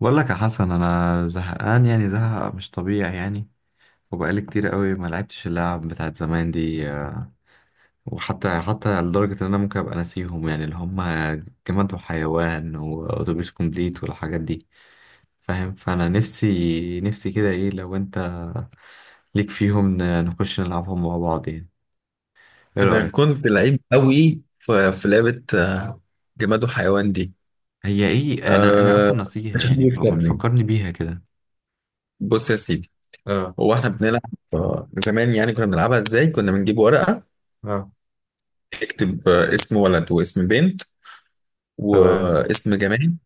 بقول لك يا حسن، انا زهقان يعني، زهق مش طبيعي يعني. وبقالي كتير قوي ما لعبتش اللعب بتاعت زمان دي. وحتى لدرجة ان انا ممكن ابقى ناسيهم، يعني اللي هم جماد وحيوان واتوبيس كومبليت والحاجات دي، فاهم؟ فانا نفسي كده، ايه لو انت ليك فيهم، نخش نلعبهم مع بعض يعني؟ ايه انا رأيك؟ كنت لعيب قوي في لعبه جماد وحيوان دي. هي ايه؟ انا أه، اصلا ناسيها مش حد يعني، فما يكسبني. تفكرني بيها كده. بص يا سيدي، اه. هو احنا بنلعب زمان، يعني كنا بنلعبها ازاي؟ كنا بنجيب ورقه اه. نكتب اسم ولد واسم بنت تمام. واسم جماد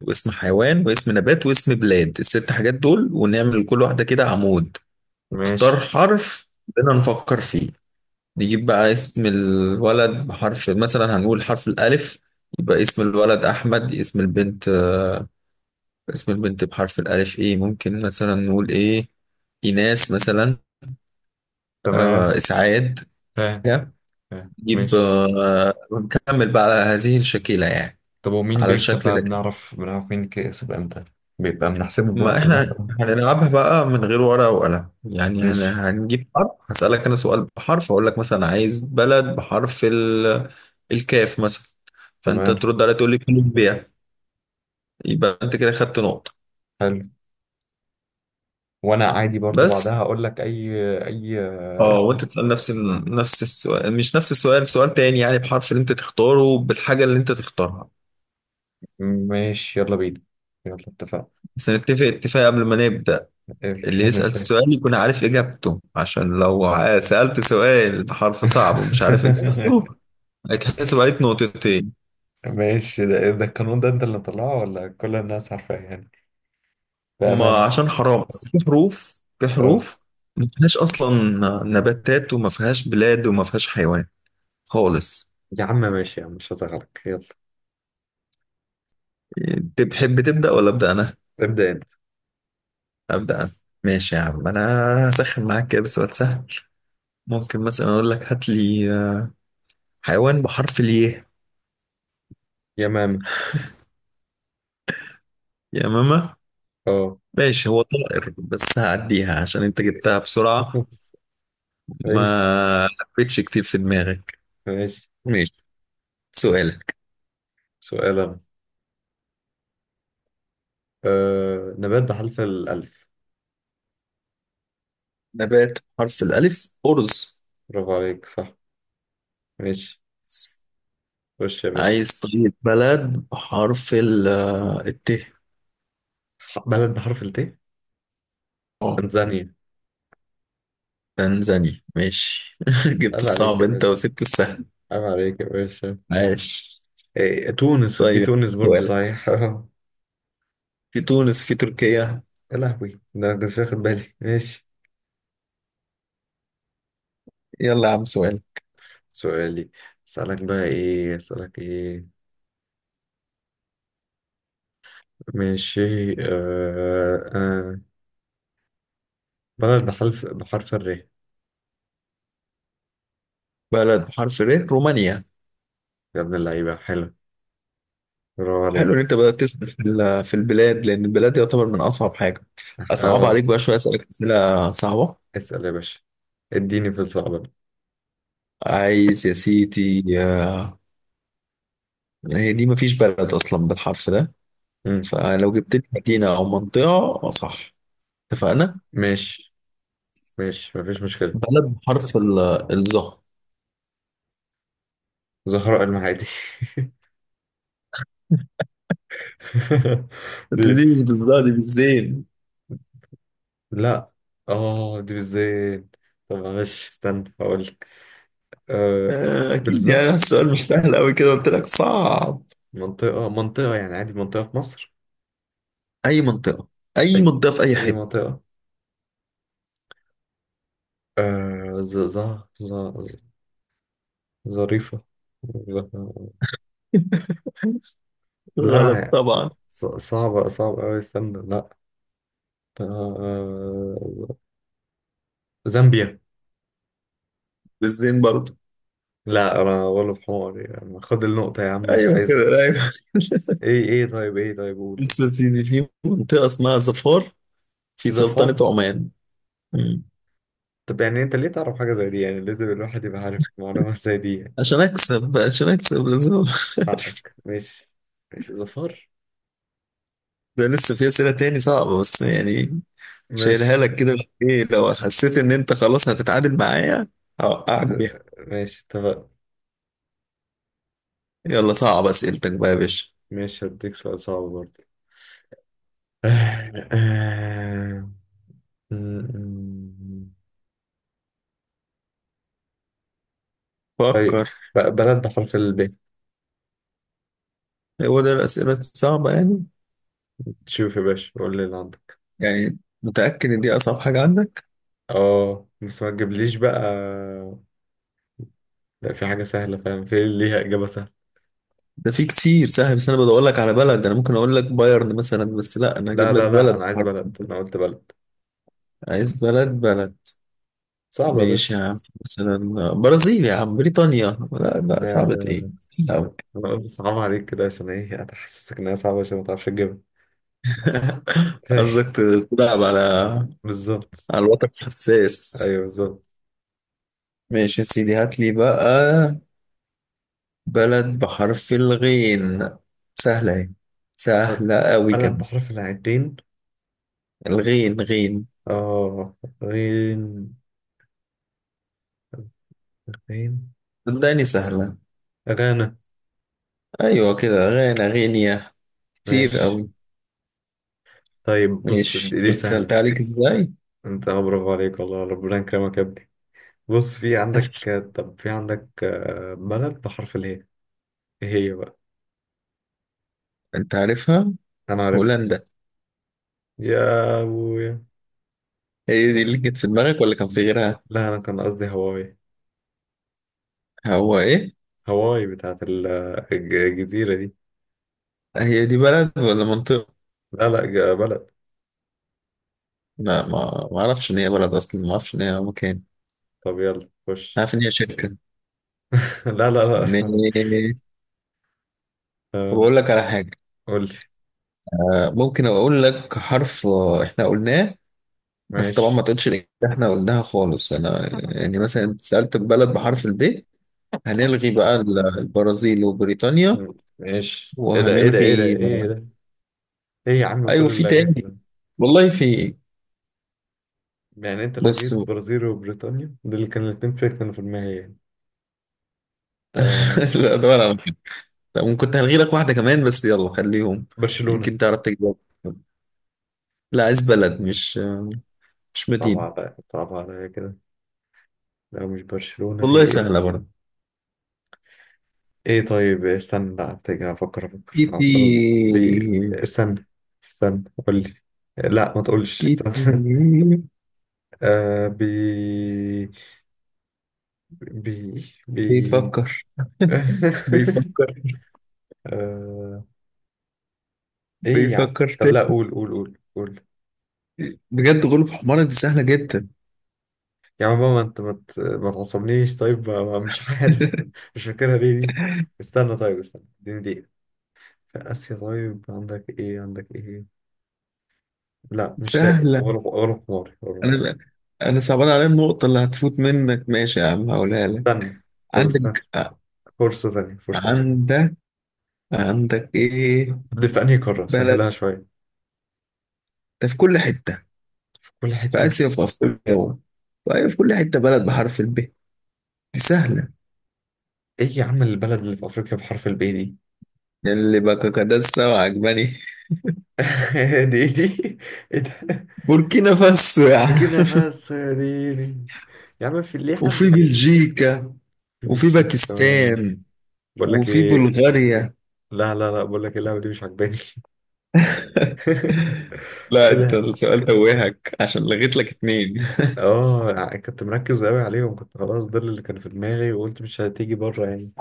واسم حيوان واسم نبات واسم بلاد، الست حاجات دول، ونعمل كل واحده كده عمود. نختار ماشي. حرف بدنا نفكر فيه، نجيب بقى اسم الولد بحرف، مثلا هنقول حرف الألف، يبقى اسم الولد أحمد. اسم البنت اسم البنت بحرف الألف إيه؟ ممكن مثلا نقول إيه، إيناس مثلا، تمام. إسعاد. فاهم. فاهم نجيب ماشي. ونكمل بقى على هذه الشكلة يعني، طب ومين على بيكسب الشكل بقى؟ ده. بنعرف مين كسب امتى؟ بيبقى بنحسبه ما بوقت احنا مثلا؟ هنلعبها بقى من غير ورقة وقلم، يعني ماشي. هنجيب حرف، هسألك انا سؤال بحرف، اقول لك مثلا عايز بلد بحرف الكاف مثلا، فانت تمام. ترد عليا تقول لي كولومبيا، يبقى انت كده خدت نقطة حلو. وانا عادي برضو بس. بعدها اقول لك اي، اي اه، اسم. وانت تسأل نفس ال- نفس السؤال مش نفس السؤال، سؤال تاني، يعني بحرف اللي انت تختاره بالحاجة اللي انت تختارها. ماشي، يلا بينا. يلا اتفقنا. بس نتفق اتفاق قبل ما نبدأ: إيه اللي يسأل ده؟ سؤال يكون عارف إجابته، عشان لو سألت سؤال بحرف صعب ومش عارف إجابته هيتحسب عليك نقطتين، ماشي، ده ده القانون ده انت اللي مطلعه ولا كل الناس عارفاه يعني؟ ما بأمانة. عشان حرام. بس في حروف، اه. ما فيهاش أصلا نباتات، وما فيهاش بلاد، وما فيهاش حيوان خالص. يا عم ماشي يا عم، مش هزعلك، يلا. تحب تبدأ ولا أبدأ أنا؟ ابدأ انت. أبدأ أنا. ماشي يا عم، أنا هسخن معاك كده بسؤال سهل. ممكن مثلا أقول لك هات لي حيوان بحرف الياء. يا ماما. يا ماما، اه. ماشي، هو طائر بس هعديها عشان أنت جبتها بسرعة، ماشي. ما حبيتش كتير في دماغك. ماشي. ماشي، سؤالك. سؤال انا. آه، نبات بحرف الألف. نبات حرف الألف أرز. برافو عليك، صح. ماشي. خش يا باشا. عايز طريقة بلد بحرف ال الت. بلد بحرف الت. اه، تنزانيا. تنزانيا ماشي، جبت عيب عليك الصعب يا انت باشا. وسبت السهل. عيب عليك يا باشا. ماشي، إيه، تونس. في طيب، تونس برضه سؤالك، صحيح. في تونس، في تركيا. يا لهوي، ده انا كنت واخد بالي. ماشي. يلا يا عم سؤال. سؤالي. اسألك بقى ايه؟ اسألك ايه؟ ماشي. آه، آه. بلد بحرف الر. بلد بحرف ر، رومانيا. يا ابن اللعيبة، حلو. برافو حلو ان عليك. انت بدأت تسأل في في البلاد، لان البلاد يعتبر من اصعب حاجة. اصعب اه. عليك بقى شوية، اسألك اسئلة صعبة. اسأل يا باشا، اديني في الصعب. عايز يا سيدي هي دي مفيش بلد أصلا بالحرف ده، مم. فلو جبت لي مدينة أو منطقة صح، اتفقنا. ماشي. ماشي، مفيش مشكلة. بلد بحرف الظا. زهراء المعادي. بس دي؟ دي مش بالظا، دي بالزين. لا. اه، دي بالذات. طب معلش استنى هقول لك. آه، أكيد بلزة. يعني السؤال مش سهل أوي كده، قلت لك صعب. منطقة، منطقة يعني عادي، منطقة في مصر. أي منطقة، أي أي، منطقة في أي أي حتة. منطقة. آه، ز، ز، ز، ظريفة. ظ- غلط لا. طبعا. صعبة، صعبة أوي، استنى، لا. آه، زامبيا. بالزين برضه. لا، أنا ولا في حماري يعني، خد النقطة يا عم، مش أيوه كده، عايزها. أيوه. إيه، إيه، طيب إيه، طيب قول. بص يا سيدي، في منطقة اسمها ظفار في سلطنة زفارة. عمان. مم. طب يعني انت ليه تعرف حاجة زي دي يعني؟ لازم الواحد يبقى عارف معلومة زي دي يعني. عشان أكسب، لازم حقك، ماشي. ماشي، ظفار. ده لسه في أسئلة تاني صعبة بس يعني، شايلها ماشي. لك كده. ايه لو حسيت ان انت خلاص هتتعادل معايا، هوقعك بيها. ماشي، اتفق. يلا صعب اسئلتك بقى يا باشا. ماشي، هديك سؤال صعب برضه. آه، آه. طيب، فكر. بلد بحرف الب. هو ده الاسئله الصعبه يعني؟ شوف يا باشا، قول لي اللي عندك. يعني متاكد ان دي اصعب حاجه عندك؟ اه، بس ما تجيبليش بقى. لا، في حاجة سهلة، فاهم، في ليها إجابة سهلة. ده في كتير سهل، بس انا بدور لك على بلد. انا ممكن اقول لك بايرن مثلا، بس لا، انا لا هجيب لك لا لا بلد أنا عايز حرف. بلد، أنا قلت بلد. عايز بلد، بلد. صعبة يا ماشي يا عم، مثلا برازيل يا عم، بريطانيا، لا لا صعبة ايه. باشا. لا. أنا أقول صعب عليك كده عشان إيه؟ أتحسسك إنها صعبة عشان ما تعرفش تجيبها. طيب. قصدك تلعب على بالظبط. الوتر الحساس. أيوه بالظبط. ماشي يا سيدي، هات لي بقى بلد بحرف الغين. سهلة اهي، طب، سهلة أوي بلد كمان. بحرف العين. الغين غين. آه. غين. غين. صدقني سهلة. غانا. أيوة كده، غانا، غينيا، كتير ماشي. أوي. طيب، بص ماشي، دي دي شفت سهلتها سهلة. عليك ازاي. أنت، برافو عليك والله، ربنا يكرمك يا ابني. بص، في عندك طب في عندك بلد بحرف الهي. إيه هي بقى؟ أنت عارفها، أنا عارف. هولندا. يا أبويا. هي دي اللي جت في دماغك ولا كان في غيرها؟ لا، أنا كان قصدي هواي. هو إيه؟ هواي بتاعت الجزيرة دي. هي دي بلد ولا منطقة؟ لا بلد. لا ما أعرفش إن هي بلد أصلا، ما أعرفش إن هي مكان. طب يلا خش. عارف إن هي شركة. لا. ماشي. طب آه. أقول لك على حاجة. قول لي. ممكن اقول لك حرف احنا قلناه، بس طبعا ما ماشي. تقولش الإجابة اللي احنا قلناها خالص. انا يعني مثلا انت سألت بلد بحرف الب، هنلغي بقى البرازيل وبريطانيا. ماشي. ايه ده، ايه ده، ايه ده، وهنلغي ايه ده. ايه يا عم ايوه كل في اللي لغيته تاني، ده؟ والله في. يعني انت لغيت بص برازيل وبريطانيا، دول اللي كانوا الاتنين في، كانوا في النهائي. آه. لا دور على كده. طب ممكن هلغي لك واحدة كمان، بس يلا خليهم برشلونة. يمكن تعرف تجاوب. لا عايز بلد، مش مش صعب مدينة. عليا، صعب عليا كده. لا، مش برشلونة، في والله ايه؟ سهلة برضه. ايه، طيب استنى، لا افتكر، افكر، افكر كيتي. عمال. بي، استنى. استنى قول لي. لا، ما تقولش كيتي. استنى. آه، بي. بي. بي. بيفكر. بيفكر. آه. ايه يا عم؟ بيفكر طب تاني. لا، قول، قول، قول، قول. بجد غلب حمارة، دي سهلة جدا. يا عم ماما، انت ما تعصبنيش، طيب، مش عارف مش فاكرها ليه دي. استنى، طيب استنى، اديني دقيقة. في آسيا؟ طيب عندك ايه؟ عندك ايه؟ لا، مش لاقي، سهلة. ولا ولا حماري، ولا حماري. أنا أنا صعبان عليا النقطة اللي هتفوت منك. ماشي يا عم، هقولها لك. استنى. طب استنى، عندك فرصة تانية، فرصة أخيرة. عندك عندك إيه؟ دي في أنهي قارة؟ بلد، سهلها شوية. ده في كل حتة، في كل في حتة. آسيا وفي أفريقيا و- وأيوة في كل حتة، بلد بحرف الب دي سهلة، ايه يا عم البلد اللي في أفريقيا بحرف البي دي؟ يعني اللي بكاكادسا وعجباني. دي؟ دي؟ ايه ده؟ بوركينا فاسو يا بوركينا عم. فاسو يا ديني. يا عم في ليه حد؟ وفي بلجيكا في وفي بلجيكا كمان. باكستان بقول لك وفي ايه. بلغاريا. لا، بقول لك إيه، اللعبه دي مش عجباني. لا ايه انت ده. السؤال توهك عشان لغيت لك اتنين. اه، كنت مركز قوي عليهم، كنت خلاص ده اللي كان في دماغي، وقلت مش هتيجي بره يعني.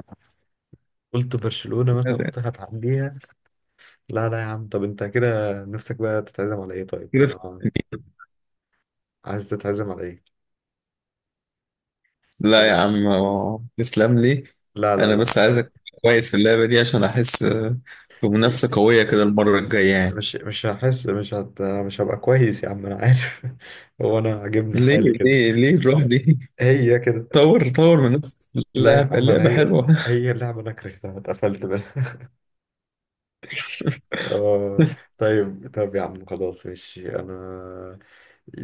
قلت برشلونه مثلا، قلت هتعديها. لا لا يا عم، طب انت كده نفسك بقى تتعزم على ايه؟ طيب كده-. انا عايز تتعزم على ايه؟ لا يا لا عم، تسلم لي، لا لا انا لا بس عايزك لا. تبقى كويس في اللعبة دي عشان احس بمنافسة قوية كده المرة الجاية يعني. مش هحس، مش هبقى كويس يا عم، انا عارف. هو انا عاجبني ليه؟ حالي كده. ليه الروح دي. هي كده. طور من نفسك في لا يا اللعبة، عم، انا اللعبة هي، حلوة. هي اللعبة انا كرهتها، اتقفلت منها. آه. طيب، طب يا عم خلاص ماشي، انا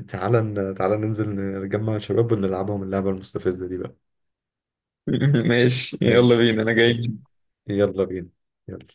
تعالى، تعالى ننزل نجمع شباب ونلعبهم اللعبة المستفزة دي بقى. ماشي يلا ماشي، بينا، انا جاي. يلا بينا. يلا.